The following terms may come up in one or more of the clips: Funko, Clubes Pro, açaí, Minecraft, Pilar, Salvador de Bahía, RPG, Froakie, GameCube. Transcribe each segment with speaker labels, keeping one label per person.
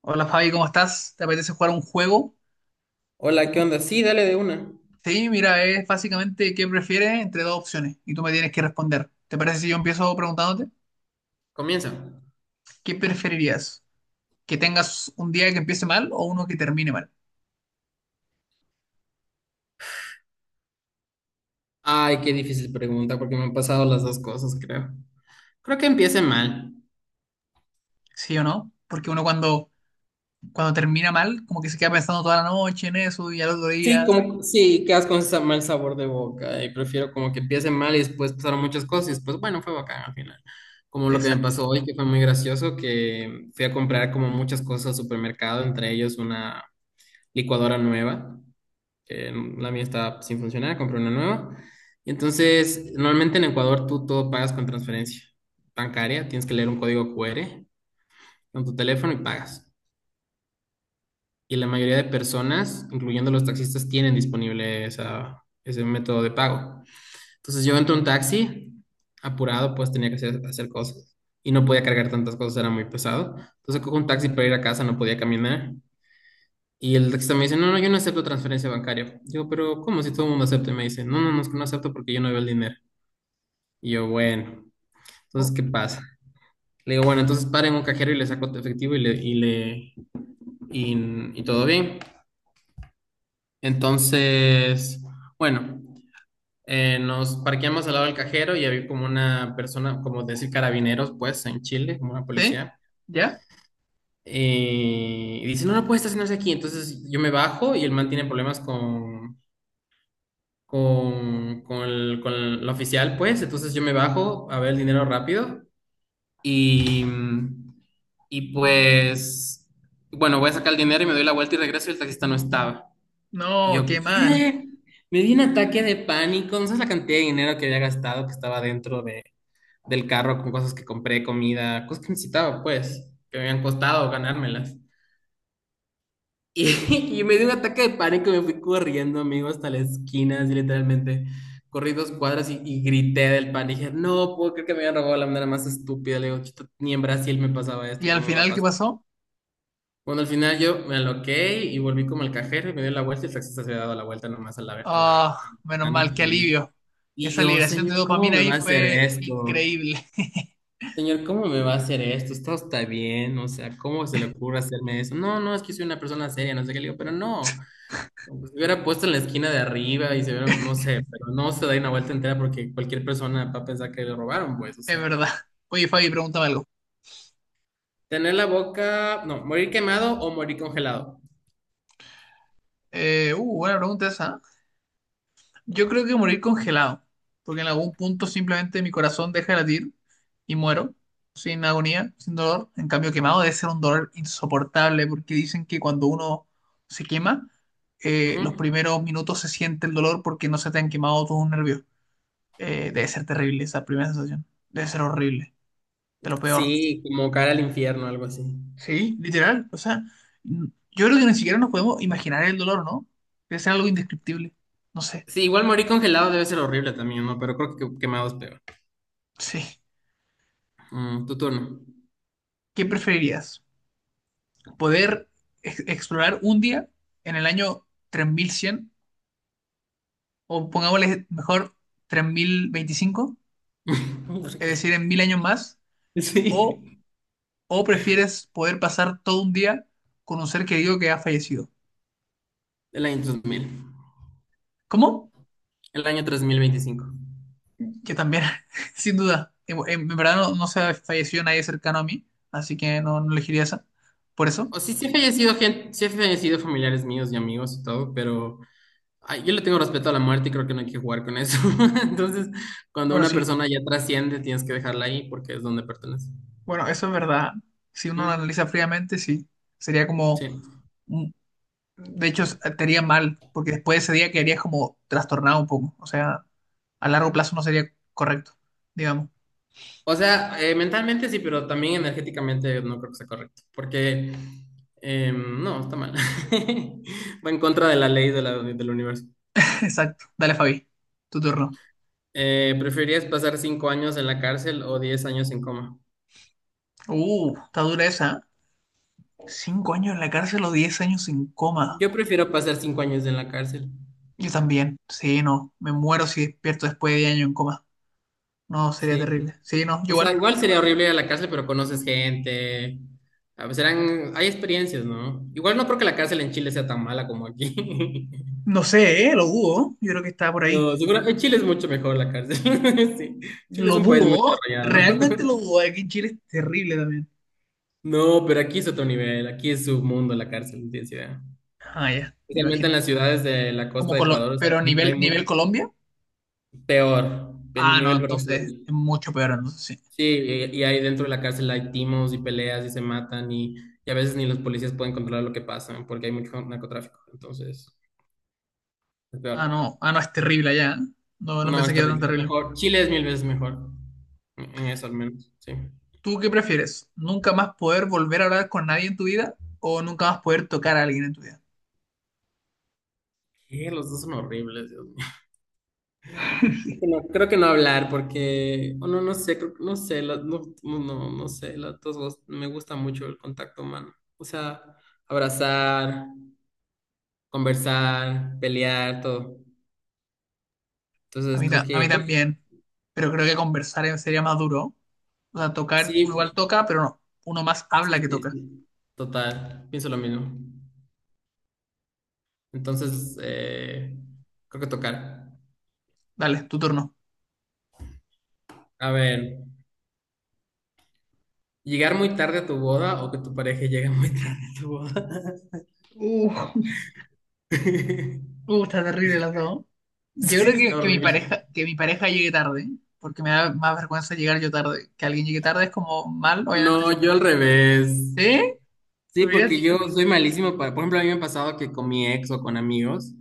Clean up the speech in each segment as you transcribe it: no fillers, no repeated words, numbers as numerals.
Speaker 1: Hola Fabi, ¿cómo estás? ¿Te apetece jugar un juego?
Speaker 2: Hola, ¿qué onda? Sí, dale de una.
Speaker 1: Sí, mira, es básicamente qué prefieres entre dos opciones y tú me tienes que responder. ¿Te parece si yo empiezo preguntándote?
Speaker 2: Comienza.
Speaker 1: ¿Qué preferirías? ¿Que tengas un día que empiece mal o uno que termine mal?
Speaker 2: Ay, qué difícil pregunta, porque me han pasado las dos cosas, creo. Creo que empiece mal.
Speaker 1: ¿Sí o no? Porque uno cuando termina mal, como que se queda pensando toda la noche en eso y al otro
Speaker 2: Sí,
Speaker 1: día.
Speaker 2: como, sí, quedas con ese mal sabor de boca y prefiero como que empiece mal y después pasaron muchas cosas y después, bueno, fue bacán al final. Como lo que me
Speaker 1: Exacto.
Speaker 2: pasó hoy, que fue muy gracioso, que fui a comprar como muchas cosas al supermercado, entre ellos una licuadora nueva. eh, la mía está sin funcionar, compré una nueva. Y entonces, normalmente en Ecuador tú todo pagas con transferencia bancaria, tienes que leer un código QR en tu teléfono y pagas. Y la mayoría de personas, incluyendo los taxistas, tienen disponible esa, ese método de pago. Entonces yo entro en un taxi, apurado, pues tenía que hacer cosas y no podía cargar tantas cosas, era muy pesado. Entonces cojo un taxi para ir a casa, no podía caminar. Y el taxista me dice, no, no, yo no acepto transferencia bancaria. Yo, pero ¿cómo si todo el mundo acepta? Y me dice, no, no, no, es que no acepto porque yo no veo el dinero. Y yo, bueno, entonces, ¿qué pasa? Le digo, bueno, entonces paren un cajero y le saco tu efectivo y todo bien. Entonces, bueno, nos parqueamos al lado del cajero y había como una persona, como decir carabineros, pues, en Chile, como una
Speaker 1: ¿Sí?
Speaker 2: policía.
Speaker 1: ¿Ya?
Speaker 2: Y dice, no, no puede estacionarse aquí. Entonces yo me bajo y el man tiene problemas con la oficial, pues. Entonces yo me bajo a ver el dinero rápido y, y pues, bueno, voy a sacar el dinero y me doy la vuelta y regreso y el taxista no estaba. Y yo,
Speaker 1: No, qué mal.
Speaker 2: ¿qué? Me di un ataque de pánico. No sabes la cantidad de dinero que había gastado, que estaba dentro del carro con cosas que compré, comida, cosas que necesitaba, pues, que me habían costado ganármelas. Y, y me dio un ataque de pánico, me fui corriendo, amigo, hasta la esquina, así literalmente. Corrí dos cuadras y grité del pánico. Dije, no puedo creer que me habían robado de la manera más estúpida. Le digo, "Chuta, ni en Brasil me pasaba esto,
Speaker 1: ¿Y al
Speaker 2: ¿cómo me va a
Speaker 1: final qué
Speaker 2: pasar?"
Speaker 1: pasó?
Speaker 2: Bueno, al final yo me aloqué y volví como al cajero y me dio la vuelta y el taxista se había dado la vuelta nomás a
Speaker 1: Ah,
Speaker 2: la
Speaker 1: menos mal,
Speaker 2: ventana
Speaker 1: qué alivio.
Speaker 2: y
Speaker 1: Esa
Speaker 2: yo,
Speaker 1: liberación de
Speaker 2: señor, ¿cómo
Speaker 1: dopamina
Speaker 2: me
Speaker 1: ahí
Speaker 2: va a hacer
Speaker 1: fue
Speaker 2: esto?
Speaker 1: increíble.
Speaker 2: Señor, ¿cómo me va a hacer esto? Esto está bien, o sea, ¿cómo se le ocurre hacerme eso? No, no, es que soy una persona seria, no sé qué le digo, pero no. Pues, se hubiera puesto en la esquina de arriba y se hubiera, no sé, pero no se da una vuelta entera porque cualquier persona va a pensar que le robaron, pues, o
Speaker 1: Es
Speaker 2: sea,
Speaker 1: verdad. Oye, Fabi, pregúntame algo.
Speaker 2: tener la boca, no, morir quemado o morir congelado.
Speaker 1: Buena pregunta esa. ¿Eh? Yo creo que morir congelado, porque en algún punto simplemente mi corazón deja de latir y muero, sin agonía, sin dolor. En cambio, quemado debe ser un dolor insoportable, porque dicen que cuando uno se quema, los
Speaker 2: Ujú.
Speaker 1: primeros minutos se siente el dolor porque no se te han quemado todos los nervios. Debe ser terrible esa primera sensación. Debe ser horrible, de lo peor.
Speaker 2: Sí, como cara al infierno, algo así.
Speaker 1: Sí, literal. O sea, yo creo que ni siquiera nos podemos imaginar el dolor, ¿no? Debe ser algo indescriptible. No sé.
Speaker 2: Sí, igual morir congelado debe ser horrible también, ¿no? Pero creo que quemado es peor.
Speaker 1: Sí.
Speaker 2: Mm, tu turno.
Speaker 1: ¿Qué preferirías? ¿Poder explorar un día en el año 3100, o pongámosle mejor 3025,
Speaker 2: ¿Por
Speaker 1: es decir,
Speaker 2: qué?
Speaker 1: en 1000 años más? ¿O,
Speaker 2: Sí.
Speaker 1: o prefieres poder pasar todo un día con un ser querido que ha fallecido?
Speaker 2: El año 2000.
Speaker 1: ¿Cómo?
Speaker 2: El año 3025.
Speaker 1: Que también, sin duda, en, verdad no, no se ha fallecido nadie cercano a mí, así que no, no elegiría esa. Por eso,
Speaker 2: O sí, sí he fallecido gente, sí he fallecido familiares míos y amigos y todo, pero ay, yo le tengo respeto a la muerte y creo que no hay que jugar con eso. Entonces, cuando
Speaker 1: bueno,
Speaker 2: una
Speaker 1: sí,
Speaker 2: persona ya trasciende, tienes que dejarla ahí porque es donde pertenece.
Speaker 1: bueno, eso es verdad. Si uno lo
Speaker 2: Mm,
Speaker 1: analiza fríamente, sí, sería como,
Speaker 2: sí.
Speaker 1: mm, de hecho, te haría mal, porque después de ese día quedarías como trastornado un poco, o sea, a largo plazo no sería correcto, digamos.
Speaker 2: O sea, mentalmente sí, pero también energéticamente no creo que sea correcto. Porque, no, está mal. Va en contra de la ley del universo.
Speaker 1: Exacto. Dale, Fabi, tu turno.
Speaker 2: ¿Preferirías pasar 5 años en la cárcel o 10 años en coma?
Speaker 1: Está dura esa. ¿Eh? 5 años en la cárcel o 10 años en coma.
Speaker 2: Yo prefiero pasar 5 años en la cárcel.
Speaker 1: Yo también, sí, no, me muero si despierto después de 10 años en coma. No, sería
Speaker 2: Sí.
Speaker 1: terrible. Sí, no,
Speaker 2: O
Speaker 1: yo
Speaker 2: sea,
Speaker 1: igual.
Speaker 2: igual sería horrible ir a la cárcel, pero conoces gente. A veces eran, hay experiencias, ¿no? Igual no creo que la cárcel en Chile sea tan mala como aquí.
Speaker 1: No sé, ¿eh? Lo dudo, yo creo que está por ahí.
Speaker 2: No, seguro, en Chile es mucho mejor la cárcel. Sí. Chile es
Speaker 1: Lo
Speaker 2: un país muy
Speaker 1: dudo,
Speaker 2: desarrollado.
Speaker 1: realmente lo dudo. Aquí en Chile es terrible también.
Speaker 2: No, pero aquí es otro nivel, aquí es su mundo la cárcel, no tienes idea.
Speaker 1: Ah, ya, me
Speaker 2: Especialmente en
Speaker 1: imagino.
Speaker 2: las ciudades de la
Speaker 1: Como
Speaker 2: costa de
Speaker 1: Colo-
Speaker 2: Ecuador, o sea,
Speaker 1: pero
Speaker 2: hay
Speaker 1: nivel
Speaker 2: muy
Speaker 1: Colombia.
Speaker 2: peor, en
Speaker 1: Ah, no,
Speaker 2: nivel
Speaker 1: entonces es
Speaker 2: Brasil.
Speaker 1: mucho peor, entonces sí.
Speaker 2: Sí, y ahí dentro de la cárcel hay timos y peleas y se matan y a veces ni los policías pueden controlar lo que pasa, ¿no? Porque hay mucho narcotráfico. Entonces, es
Speaker 1: Ah,
Speaker 2: peor.
Speaker 1: no, ah, no, es terrible allá. ¿Eh? No, no
Speaker 2: No,
Speaker 1: pensé
Speaker 2: es
Speaker 1: que era tan
Speaker 2: terrible.
Speaker 1: terrible.
Speaker 2: Mejor. Chile es mil veces mejor. En eso al menos, sí.
Speaker 1: ¿Tú qué prefieres? ¿Nunca más poder volver a hablar con nadie en tu vida o nunca más poder tocar a alguien en tu vida?
Speaker 2: ¿Qué? Los dos son horribles, Dios mío. Creo que no hablar porque, o no, no sé, no sé, la- no, no, no no sé, la- todos los- me gusta mucho el contacto humano. O sea, abrazar, conversar, pelear, todo.
Speaker 1: A
Speaker 2: Entonces
Speaker 1: mí, ta- a mí también, pero creo que conversar sería más duro. O sea, tocar, uno
Speaker 2: sí,
Speaker 1: igual toca, pero no, uno más habla
Speaker 2: sí,
Speaker 1: que
Speaker 2: sí,
Speaker 1: toca.
Speaker 2: sí. Total, pienso lo mismo. Entonces, creo que tocar.
Speaker 1: Dale, tu turno.
Speaker 2: A ver, ¿llegar muy tarde a tu boda o que tu pareja llegue muy tarde a tu boda?
Speaker 1: Uh, Está terrible las dos. Yo creo
Speaker 2: Sí,
Speaker 1: que,
Speaker 2: está
Speaker 1: que mi
Speaker 2: horrible.
Speaker 1: pareja, que mi pareja llegue tarde, porque me da más vergüenza llegar yo tarde. Que alguien llegue tarde es como mal, obviamente.
Speaker 2: No,
Speaker 1: Fome.
Speaker 2: yo al revés.
Speaker 1: ¿Sí?
Speaker 2: Sí,
Speaker 1: ¿Preferirías
Speaker 2: porque yo
Speaker 1: llegar-
Speaker 2: soy malísimo para, por ejemplo, a mí me ha pasado que con mi ex o con amigos,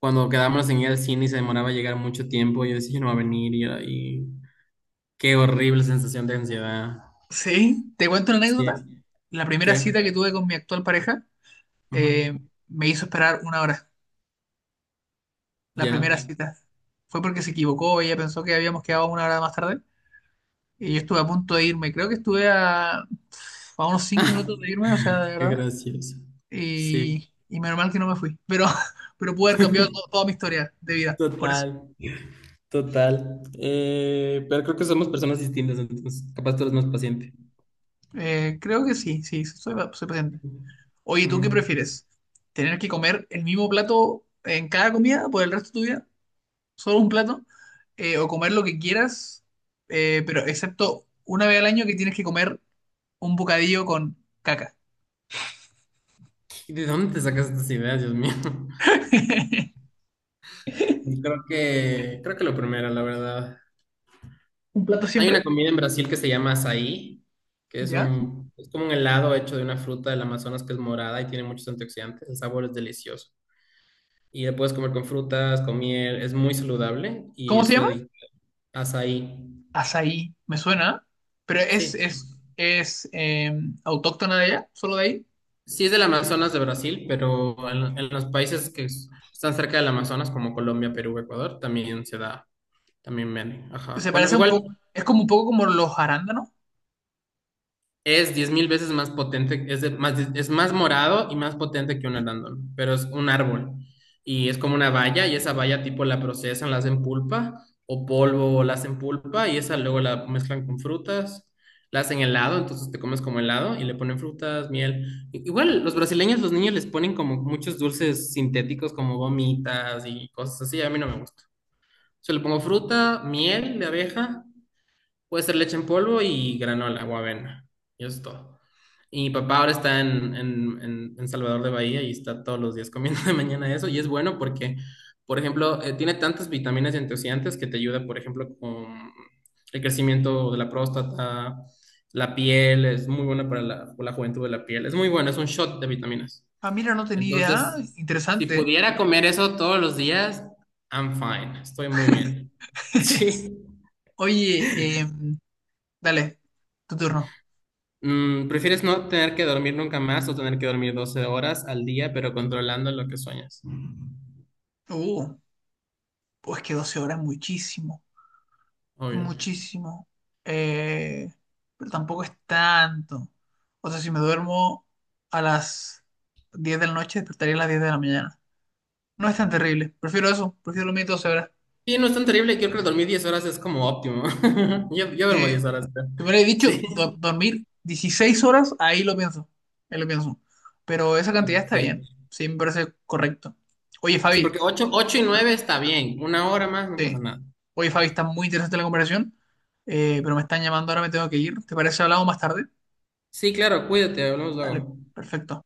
Speaker 2: cuando quedábamos en ir al cine y se demoraba llegar mucho tiempo, yo decía, "Ya no va a venir", y qué horrible sensación de ansiedad.
Speaker 1: Sí, te cuento una anécdota.
Speaker 2: Sí,
Speaker 1: La primera
Speaker 2: ¿qué?
Speaker 1: cita que tuve con mi actual pareja
Speaker 2: Ujú.
Speaker 1: eh, me hizo esperar una hora, la primera
Speaker 2: Ya.
Speaker 1: cita. Fue porque se equivocó, ella pensó que habíamos quedado una hora más tarde y yo estuve a punto de irme. Creo que estuve a unos 5 minutos de irme, o sea, de
Speaker 2: Qué
Speaker 1: verdad.
Speaker 2: gracioso. Sí,
Speaker 1: Y menos mal que no me fui, pero, pero pude haber cambiado toda mi historia de vida, por eso.
Speaker 2: total, total. Pero creo que somos personas distintas, entonces capaz tú eres más paciente.
Speaker 1: Creo que sí, sí, soy paciente. Oye, ¿tú qué
Speaker 2: Ujú.
Speaker 1: prefieres? ¿Tener que comer el mismo plato en cada comida por el resto de tu vida? ¿Solo un plato? ¿O comer lo que quieras? Pero excepto una vez al año que tienes que comer un bocadillo con caca.
Speaker 2: ¿Y de dónde te sacas estas ideas, Dios mío? Creo que lo primero, la verdad.
Speaker 1: Un plato
Speaker 2: Hay una
Speaker 1: siempre,
Speaker 2: comida en Brasil que se llama açaí, que es
Speaker 1: ¿ya?
Speaker 2: un, es como un helado hecho de una fruta del Amazonas que es morada y tiene muchos antioxidantes. El sabor es delicioso. Y lo puedes comer con frutas, con miel, es muy saludable y
Speaker 1: ¿Cómo se
Speaker 2: eso
Speaker 1: llama?
Speaker 2: de açaí.
Speaker 1: Azaí, me suena, pero es,
Speaker 2: Sí,
Speaker 1: es, es eh, autóctona de allá, solo de ahí.
Speaker 2: sí es del Amazonas de Brasil, pero en los países están cerca del Amazonas, como Colombia, Perú, Ecuador, también se da, también ven. Ajá.
Speaker 1: Se
Speaker 2: Bueno,
Speaker 1: parece un
Speaker 2: igual
Speaker 1: poco, es como un poco como los arándanos.
Speaker 2: es 10.000 veces más potente, es más morado y más potente que un arándano, pero es un árbol. Y es como una valla, y esa valla tipo la procesan, la hacen pulpa, o polvo, la hacen pulpa, y esa luego la mezclan con frutas, la hacen helado, entonces te comes como helado, y le ponen frutas, miel. Igual los brasileños, los niños les ponen como muchos dulces sintéticos, como gomitas y cosas así, a mí no me gusta. Yo le pongo fruta, miel de abeja, puede ser leche en polvo y granola o avena. Y eso es todo. Y mi papá ahora está en Salvador de Bahía y está todos los días comiendo de mañana eso. Y es bueno porque, por ejemplo, tiene tantas vitaminas y antioxidantes que te ayuda, por ejemplo, con el crecimiento de la próstata, la piel. Es muy buena para la juventud de la piel. Es muy bueno, es un shot de vitaminas.
Speaker 1: Ah, mira, no tenía idea.
Speaker 2: Entonces, si
Speaker 1: Interesante.
Speaker 2: pudiera comer eso todos los días, I'm fine. Estoy muy bien. Sí.
Speaker 1: Oye, dale, tu turno.
Speaker 2: Mm, ¿prefieres no tener que dormir nunca más o tener que dormir 12 horas al día, pero controlando lo que sueñas?
Speaker 1: Uh, pues que 12 horas, es muchísimo.
Speaker 2: Obvio.
Speaker 1: Muchísimo, eh, pero tampoco es tanto. O sea, si me duermo a las 10 de la noche, despertaría a las 10 de la mañana. No es tan terrible, prefiero eso, prefiero dormir 12 horas.
Speaker 2: Sí, no es tan terrible. Yo creo que dormir 10 horas es como óptimo. Yo duermo
Speaker 1: Si
Speaker 2: 10 horas. Creo.
Speaker 1: me hubiera dicho
Speaker 2: Sí,
Speaker 1: dormir 16 horas, ahí lo pienso, ahí lo pienso. Pero esa cantidad está bien,
Speaker 2: sí.
Speaker 1: sí, me parece correcto. Oye,
Speaker 2: Sí,
Speaker 1: Fabi,
Speaker 2: porque 8, 8 y
Speaker 1: ¿Ah?
Speaker 2: 9 está bien. Una hora más no pasa
Speaker 1: Sí,
Speaker 2: nada.
Speaker 1: oye, Fabi, está muy interesante la conversación, pero me están llamando, ahora me tengo que ir. ¿Te parece si hablamos más tarde?
Speaker 2: Sí, claro, cuídate, hablamos
Speaker 1: Dale,
Speaker 2: luego.
Speaker 1: perfecto.